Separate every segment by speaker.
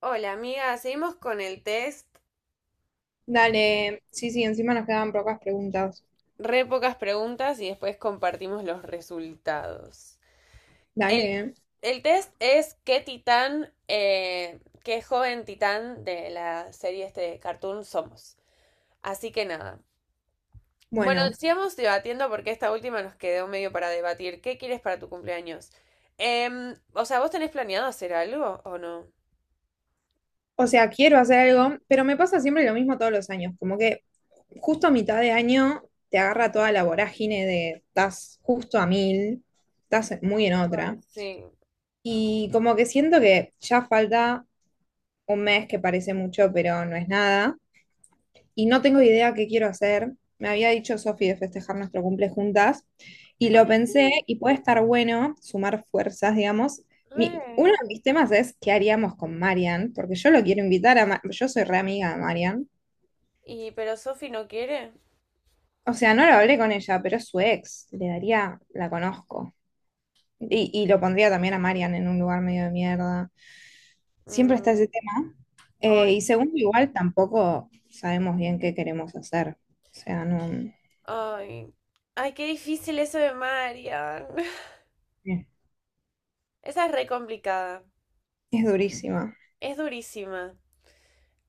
Speaker 1: Hola amiga, seguimos con el test,
Speaker 2: Dale, sí, sí, encima nos quedaban pocas preguntas.
Speaker 1: re pocas preguntas y después compartimos los resultados. El,
Speaker 2: Dale,
Speaker 1: el test es qué titán, qué joven titán de la serie este de Cartoon somos. Así que nada. Bueno,
Speaker 2: bueno,
Speaker 1: sigamos debatiendo porque esta última nos quedó medio para debatir. ¿Qué quieres para tu cumpleaños? O sea, ¿vos tenés planeado hacer algo o no?
Speaker 2: o sea, quiero hacer algo, pero me pasa siempre lo mismo todos los años, como que justo a mitad de año te agarra toda la vorágine de estás justo a mil, estás muy en
Speaker 1: Ay,
Speaker 2: otra,
Speaker 1: sí.
Speaker 2: y como que siento que ya falta un mes que parece mucho, pero no es nada, y no tengo idea qué quiero hacer. Me había dicho Sofi de festejar nuestro cumple juntas y lo
Speaker 1: Ay,
Speaker 2: pensé
Speaker 1: sí,
Speaker 2: y puede estar bueno sumar fuerzas, digamos.
Speaker 1: re.
Speaker 2: Uno de mis temas es qué haríamos con Marian, porque yo lo quiero invitar a... yo soy re amiga de Marian.
Speaker 1: Y pero Sofi no quiere.
Speaker 2: O sea, no lo hablé con ella, pero es su ex. Le daría, la conozco. Y lo pondría también a Marian en un lugar medio de mierda. Siempre está
Speaker 1: Mm.
Speaker 2: ese tema.
Speaker 1: Ay,
Speaker 2: Y segundo,
Speaker 1: sí.
Speaker 2: igual tampoco sabemos bien qué queremos hacer. O sea, no...
Speaker 1: Ay. Ay, qué difícil eso de Marian.
Speaker 2: eh,
Speaker 1: Esa es re complicada.
Speaker 2: Es durísima.
Speaker 1: Es durísima.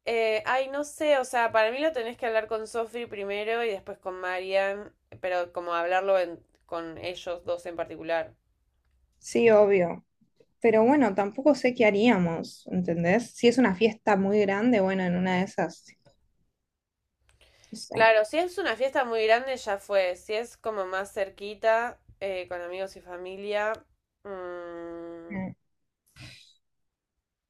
Speaker 1: Ay, no sé, o sea, para mí lo tenés que hablar con Sophie primero y después con Marian, pero como hablarlo con ellos dos en particular.
Speaker 2: Sí, obvio. Pero bueno, tampoco sé qué haríamos, ¿entendés? Si es una fiesta muy grande, bueno, en una de esas, no sé.
Speaker 1: Claro, si es una fiesta muy grande, ya fue. Si es como más cerquita, con amigos y familia. Mm.
Speaker 2: Mm.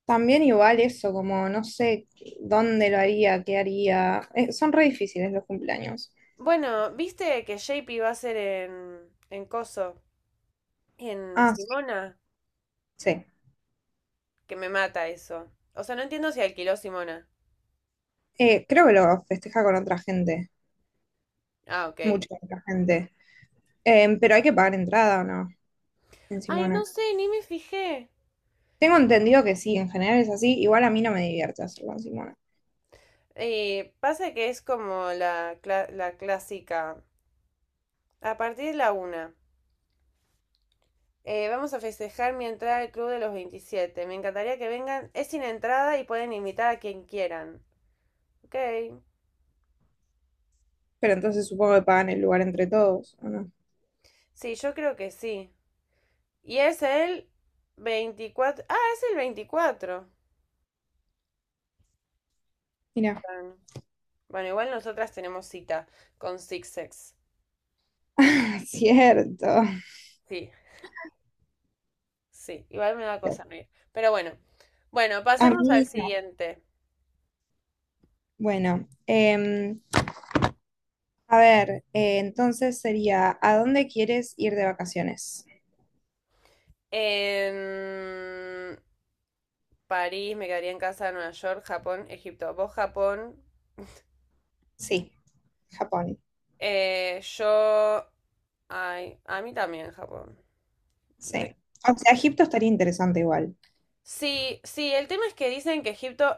Speaker 2: También igual eso, como no sé dónde lo haría, qué haría. Son re difíciles los cumpleaños.
Speaker 1: Bueno, ¿viste que JP va a ser en Coso? En
Speaker 2: Ah, sí,
Speaker 1: Simona.
Speaker 2: sí.
Speaker 1: Que me mata eso. O sea, no entiendo si alquiló Simona.
Speaker 2: Creo que lo festeja con otra gente,
Speaker 1: Ah, ok.
Speaker 2: mucha otra gente. Pero hay que pagar entrada o no, en
Speaker 1: Ay, no
Speaker 2: Simona.
Speaker 1: sé, ni me fijé.
Speaker 2: Tengo entendido que sí, en general es así. Igual a mí no me divierte hacerlo en Simona.
Speaker 1: Pasa que es como la clásica. A partir de la una. Vamos a festejar mi entrada al club de los veintisiete. Me encantaría que vengan. Es sin entrada y pueden invitar a quien quieran. Ok.
Speaker 2: Pero entonces supongo que pagan el lugar entre todos, ¿o no?
Speaker 1: Sí, yo creo que sí. Y es el veinticuatro. Ah, es el 24.
Speaker 2: Mirá.
Speaker 1: Bueno, igual nosotras tenemos cita con Six Sex.
Speaker 2: Cierto.
Speaker 1: Sí. Sí, igual me da cosa reír. Pero bueno. Bueno,
Speaker 2: A
Speaker 1: pasemos
Speaker 2: mí
Speaker 1: al
Speaker 2: no.
Speaker 1: siguiente.
Speaker 2: Bueno, a ver, entonces sería, ¿a dónde quieres ir de vacaciones?
Speaker 1: En París, me quedaría en casa, Nueva York, Japón, Egipto. Vos Japón.
Speaker 2: Sí, Japón.
Speaker 1: Yo. Ay, a mí también Japón.
Speaker 2: Sí.
Speaker 1: Re.
Speaker 2: O sea, Egipto estaría interesante igual.
Speaker 1: Sí, sí, el tema es que dicen que Egipto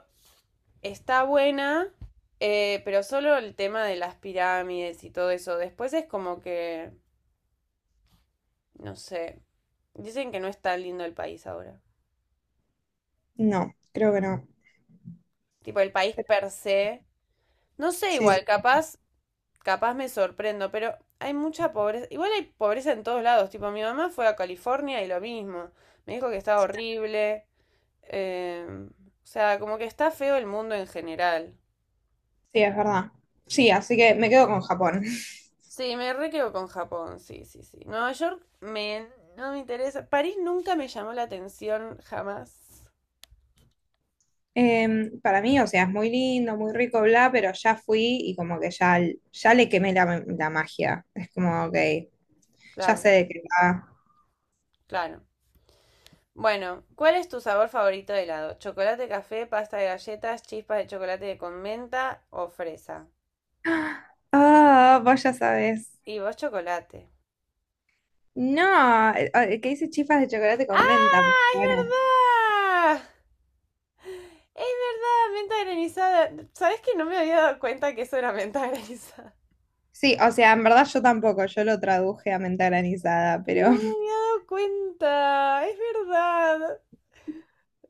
Speaker 1: está buena, pero solo el tema de las pirámides y todo eso. Después es como que, no sé, dicen que no es tan lindo el país ahora.
Speaker 2: No, creo que no.
Speaker 1: Tipo, el país
Speaker 2: Pero
Speaker 1: per se. No sé,
Speaker 2: sí, sí,
Speaker 1: igual,
Speaker 2: sí.
Speaker 1: capaz me sorprendo, pero hay mucha pobreza. Igual hay pobreza en todos lados. Tipo, mi mamá fue a California y lo mismo. Me dijo que estaba horrible. eh, o sea, como que está feo el mundo en general.
Speaker 2: Sí, es verdad. Sí, así que me quedo con Japón.
Speaker 1: Sí, me re quedo con Japón, sí, sí, sí. No me interesa. París nunca me llamó la atención, jamás.
Speaker 2: Para mí, o sea, es muy lindo, muy rico, bla, pero ya fui y como que ya le quemé la magia. Es como, ok, ya
Speaker 1: Claro,
Speaker 2: sé de qué va.
Speaker 1: claro. Bueno, ¿cuál es tu sabor favorito de helado? ¿Chocolate, café, pasta de galletas, chispas de chocolate con menta o fresa?
Speaker 2: Ah, vos ya sabes.
Speaker 1: Y vos chocolate.
Speaker 2: No, que dice chifas de chocolate con menta. Por
Speaker 1: ¡Ah! ¡Es
Speaker 2: favor.
Speaker 1: verdad! Es verdad, menta granizada. ¿Sabes que no me había dado cuenta que eso era menta granizada?
Speaker 2: Sí, o sea, en verdad yo tampoco, yo lo traduje a menta granizada,
Speaker 1: No
Speaker 2: pero
Speaker 1: me había dado cuenta. Es verdad.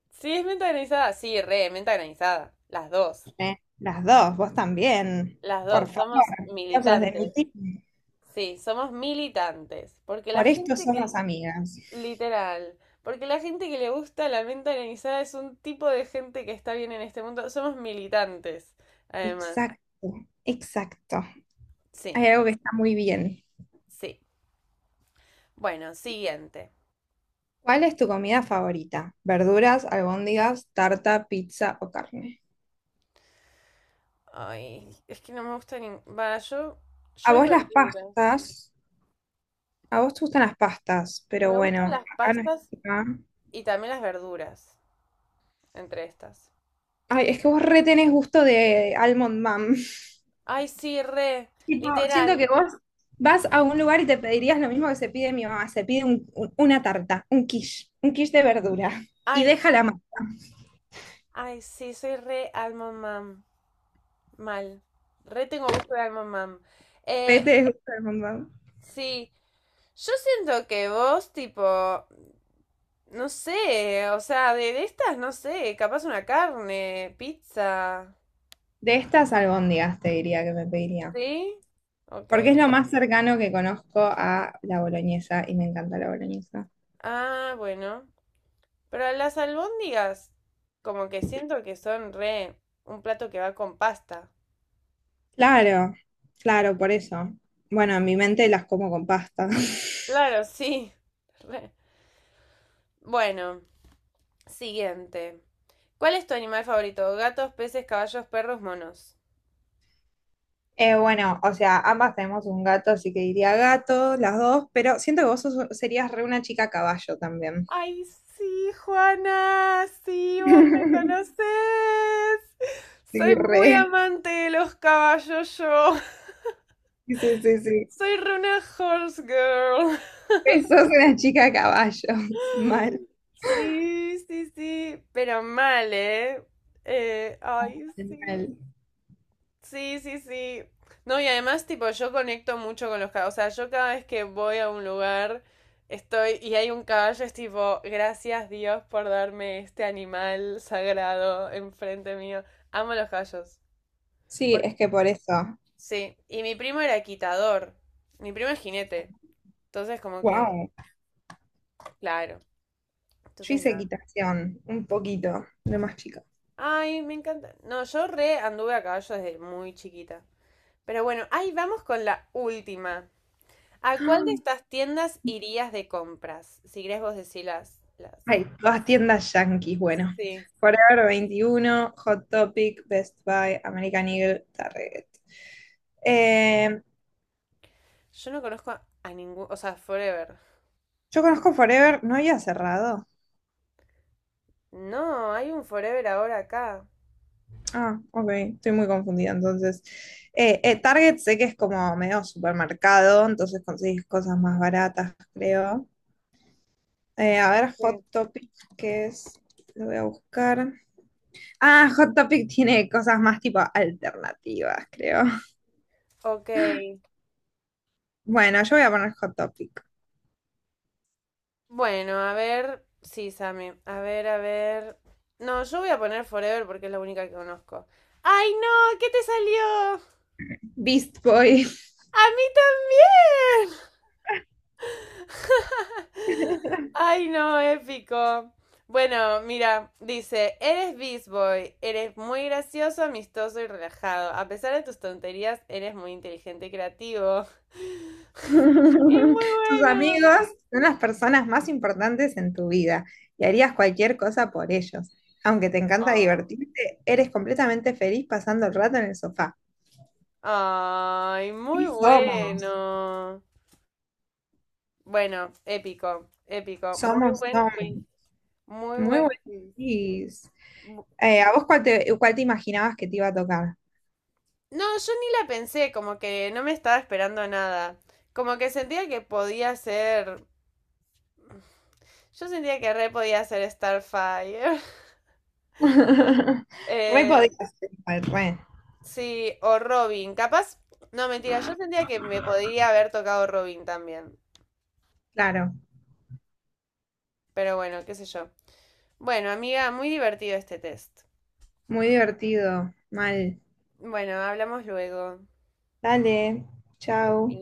Speaker 1: Sí, es menta granizada. Sí, re, menta granizada. Las dos.
Speaker 2: las dos, vos también.
Speaker 1: Las
Speaker 2: Por
Speaker 1: dos. Somos
Speaker 2: favor, vos sos de
Speaker 1: militantes.
Speaker 2: mi team.
Speaker 1: Sí, somos militantes. Porque la
Speaker 2: Por esto
Speaker 1: gente que…
Speaker 2: somos amigas.
Speaker 1: Literal. Porque la gente que le gusta la menta granizada es un tipo de gente que está bien en este mundo. Somos militantes, además.
Speaker 2: Exacto, exacto.
Speaker 1: Sí.
Speaker 2: Hay algo que está muy bien.
Speaker 1: Sí. Bueno, siguiente.
Speaker 2: ¿Cuál es tu comida favorita? ¿Verduras, albóndigas, tarta, pizza o carne?
Speaker 1: Ay, es que no me gusta ni… Va, yo
Speaker 2: A
Speaker 1: es
Speaker 2: vos las
Speaker 1: verduras.
Speaker 2: pastas, a vos te gustan las pastas, pero
Speaker 1: Me
Speaker 2: bueno,
Speaker 1: gustan las
Speaker 2: acá no
Speaker 1: pastas
Speaker 2: está.
Speaker 1: y también las verduras, entre estas.
Speaker 2: Ay, es que vos retenés gusto de Almond Mom.
Speaker 1: Ay, sí, re.
Speaker 2: Tipo, siento
Speaker 1: Literal.
Speaker 2: que vos vas a un lugar y te pedirías lo mismo que se pide mi mamá. Se pide una tarta, un quiche de verdura. Y
Speaker 1: Ay,
Speaker 2: déjala más.
Speaker 1: ay, sí, soy re alma mam. Mal. Re tengo gusto de alma mam.
Speaker 2: Re
Speaker 1: Eh,
Speaker 2: te gusta Almond Mom.
Speaker 1: sí. Yo siento que vos, tipo, no sé, o sea, de estas, no sé, capaz una carne, pizza,
Speaker 2: De estas albóndigas te diría que me pediría.
Speaker 1: ¿sí? Ok.
Speaker 2: Porque es lo más cercano que conozco a la boloñesa y me encanta la boloñesa.
Speaker 1: Ah, bueno. Pero las albóndigas, como que siento que son re un plato que va con pasta.
Speaker 2: Claro, claro, por eso. Bueno, en mi mente las como con pasta.
Speaker 1: Claro, sí. Re. Bueno, siguiente. ¿Cuál es tu animal favorito? Gatos, peces, caballos, perros, monos.
Speaker 2: Bueno, o sea, ambas tenemos un gato, así que diría gato, las dos, pero siento que vos serías re una chica caballo también.
Speaker 1: Ay, sí, Juana, sí, vos me conocés.
Speaker 2: Sí,
Speaker 1: Soy muy
Speaker 2: re.
Speaker 1: amante de los caballos, yo.
Speaker 2: Sí, sí, sí.
Speaker 1: Soy re una horse girl.
Speaker 2: Re sos una chica caballo. Mal,
Speaker 1: Sí, sí, sí, pero mal, ¿eh? Ay,
Speaker 2: mal.
Speaker 1: sí, sí, sí, sí. No, y además, tipo, yo conecto mucho con los caballos. O sea, yo cada vez que voy a un lugar, estoy y hay un caballo, es tipo, gracias Dios por darme este animal sagrado enfrente mío. Amo los caballos.
Speaker 2: Sí,
Speaker 1: Por-
Speaker 2: es que por eso.
Speaker 1: Sí, y mi primo era quitador. Mi primo es jinete. Entonces, como que,
Speaker 2: Wow.
Speaker 1: claro.
Speaker 2: Yo
Speaker 1: Entonces,
Speaker 2: hice
Speaker 1: nada.
Speaker 2: equitación, un poquito, de más chica.
Speaker 1: Ay, me encanta. No, yo re anduve a caballo desde muy chiquita. Pero bueno, ahí vamos con la última. ¿A cuál
Speaker 2: ¡Ah!
Speaker 1: de estas tiendas irías de compras? Si querés vos decir las.
Speaker 2: Ay, todas tiendas yanquis, bueno.
Speaker 1: Sí.
Speaker 2: Forever 21, Hot Topic, Best Buy, American Eagle, Target. Eh,
Speaker 1: Yo no conozco a ningún, o sea, Forever.
Speaker 2: Yo conozco Forever, ¿no había cerrado?
Speaker 1: No, hay un Forever ahora acá.
Speaker 2: Ah, ok, estoy muy confundida. Entonces, Target sé que es como medio supermercado, entonces conseguís cosas más baratas, creo. A ver, Hot
Speaker 1: Sí.
Speaker 2: Topic, ¿qué es? Lo voy a buscar. Ah, Hot Topic tiene cosas más tipo alternativas, creo.
Speaker 1: Ok.
Speaker 2: Bueno, yo voy a poner Hot Topic.
Speaker 1: Bueno, a ver. Sí, Sammy. A ver, a ver. No, yo voy a poner Forever porque es la única que conozco. ¡Ay, no! ¿Qué te salió?
Speaker 2: Beast Boy.
Speaker 1: ¡A mí también! Ay, no, épico. Bueno, mira, dice, eres Beast Boy, eres muy gracioso, amistoso y relajado. A pesar de tus tonterías, eres muy inteligente y creativo. Es muy
Speaker 2: Tus
Speaker 1: bueno.
Speaker 2: amigos son las personas más importantes en tu vida y harías cualquier cosa por ellos. Aunque te encanta
Speaker 1: Oh.
Speaker 2: divertirte, eres completamente feliz pasando el rato en el sofá.
Speaker 1: Ay, muy
Speaker 2: Sí, somos,
Speaker 1: bueno. Bueno, épico, épico. Muy
Speaker 2: somos,
Speaker 1: buen quiz.
Speaker 2: somos.
Speaker 1: Muy
Speaker 2: Muy
Speaker 1: buen
Speaker 2: buenos
Speaker 1: quiz.
Speaker 2: tips.
Speaker 1: Bu-
Speaker 2: ¿A vos cuál te imaginabas que te iba a tocar?
Speaker 1: No, yo ni la pensé, como que no me estaba esperando nada. Como que sentía que podía ser. Yo sentía que re podía ser Starfire.
Speaker 2: Re
Speaker 1: Eh,
Speaker 2: podías ser igual, re.
Speaker 1: sí, o Robin. Capaz, no, mentira, yo sentía que me podría haber tocado Robin también.
Speaker 2: Claro,
Speaker 1: Pero bueno, qué sé yo. Bueno, amiga, muy divertido este test.
Speaker 2: muy divertido. Mal.
Speaker 1: Bueno, hablamos luego.
Speaker 2: Dale, chao.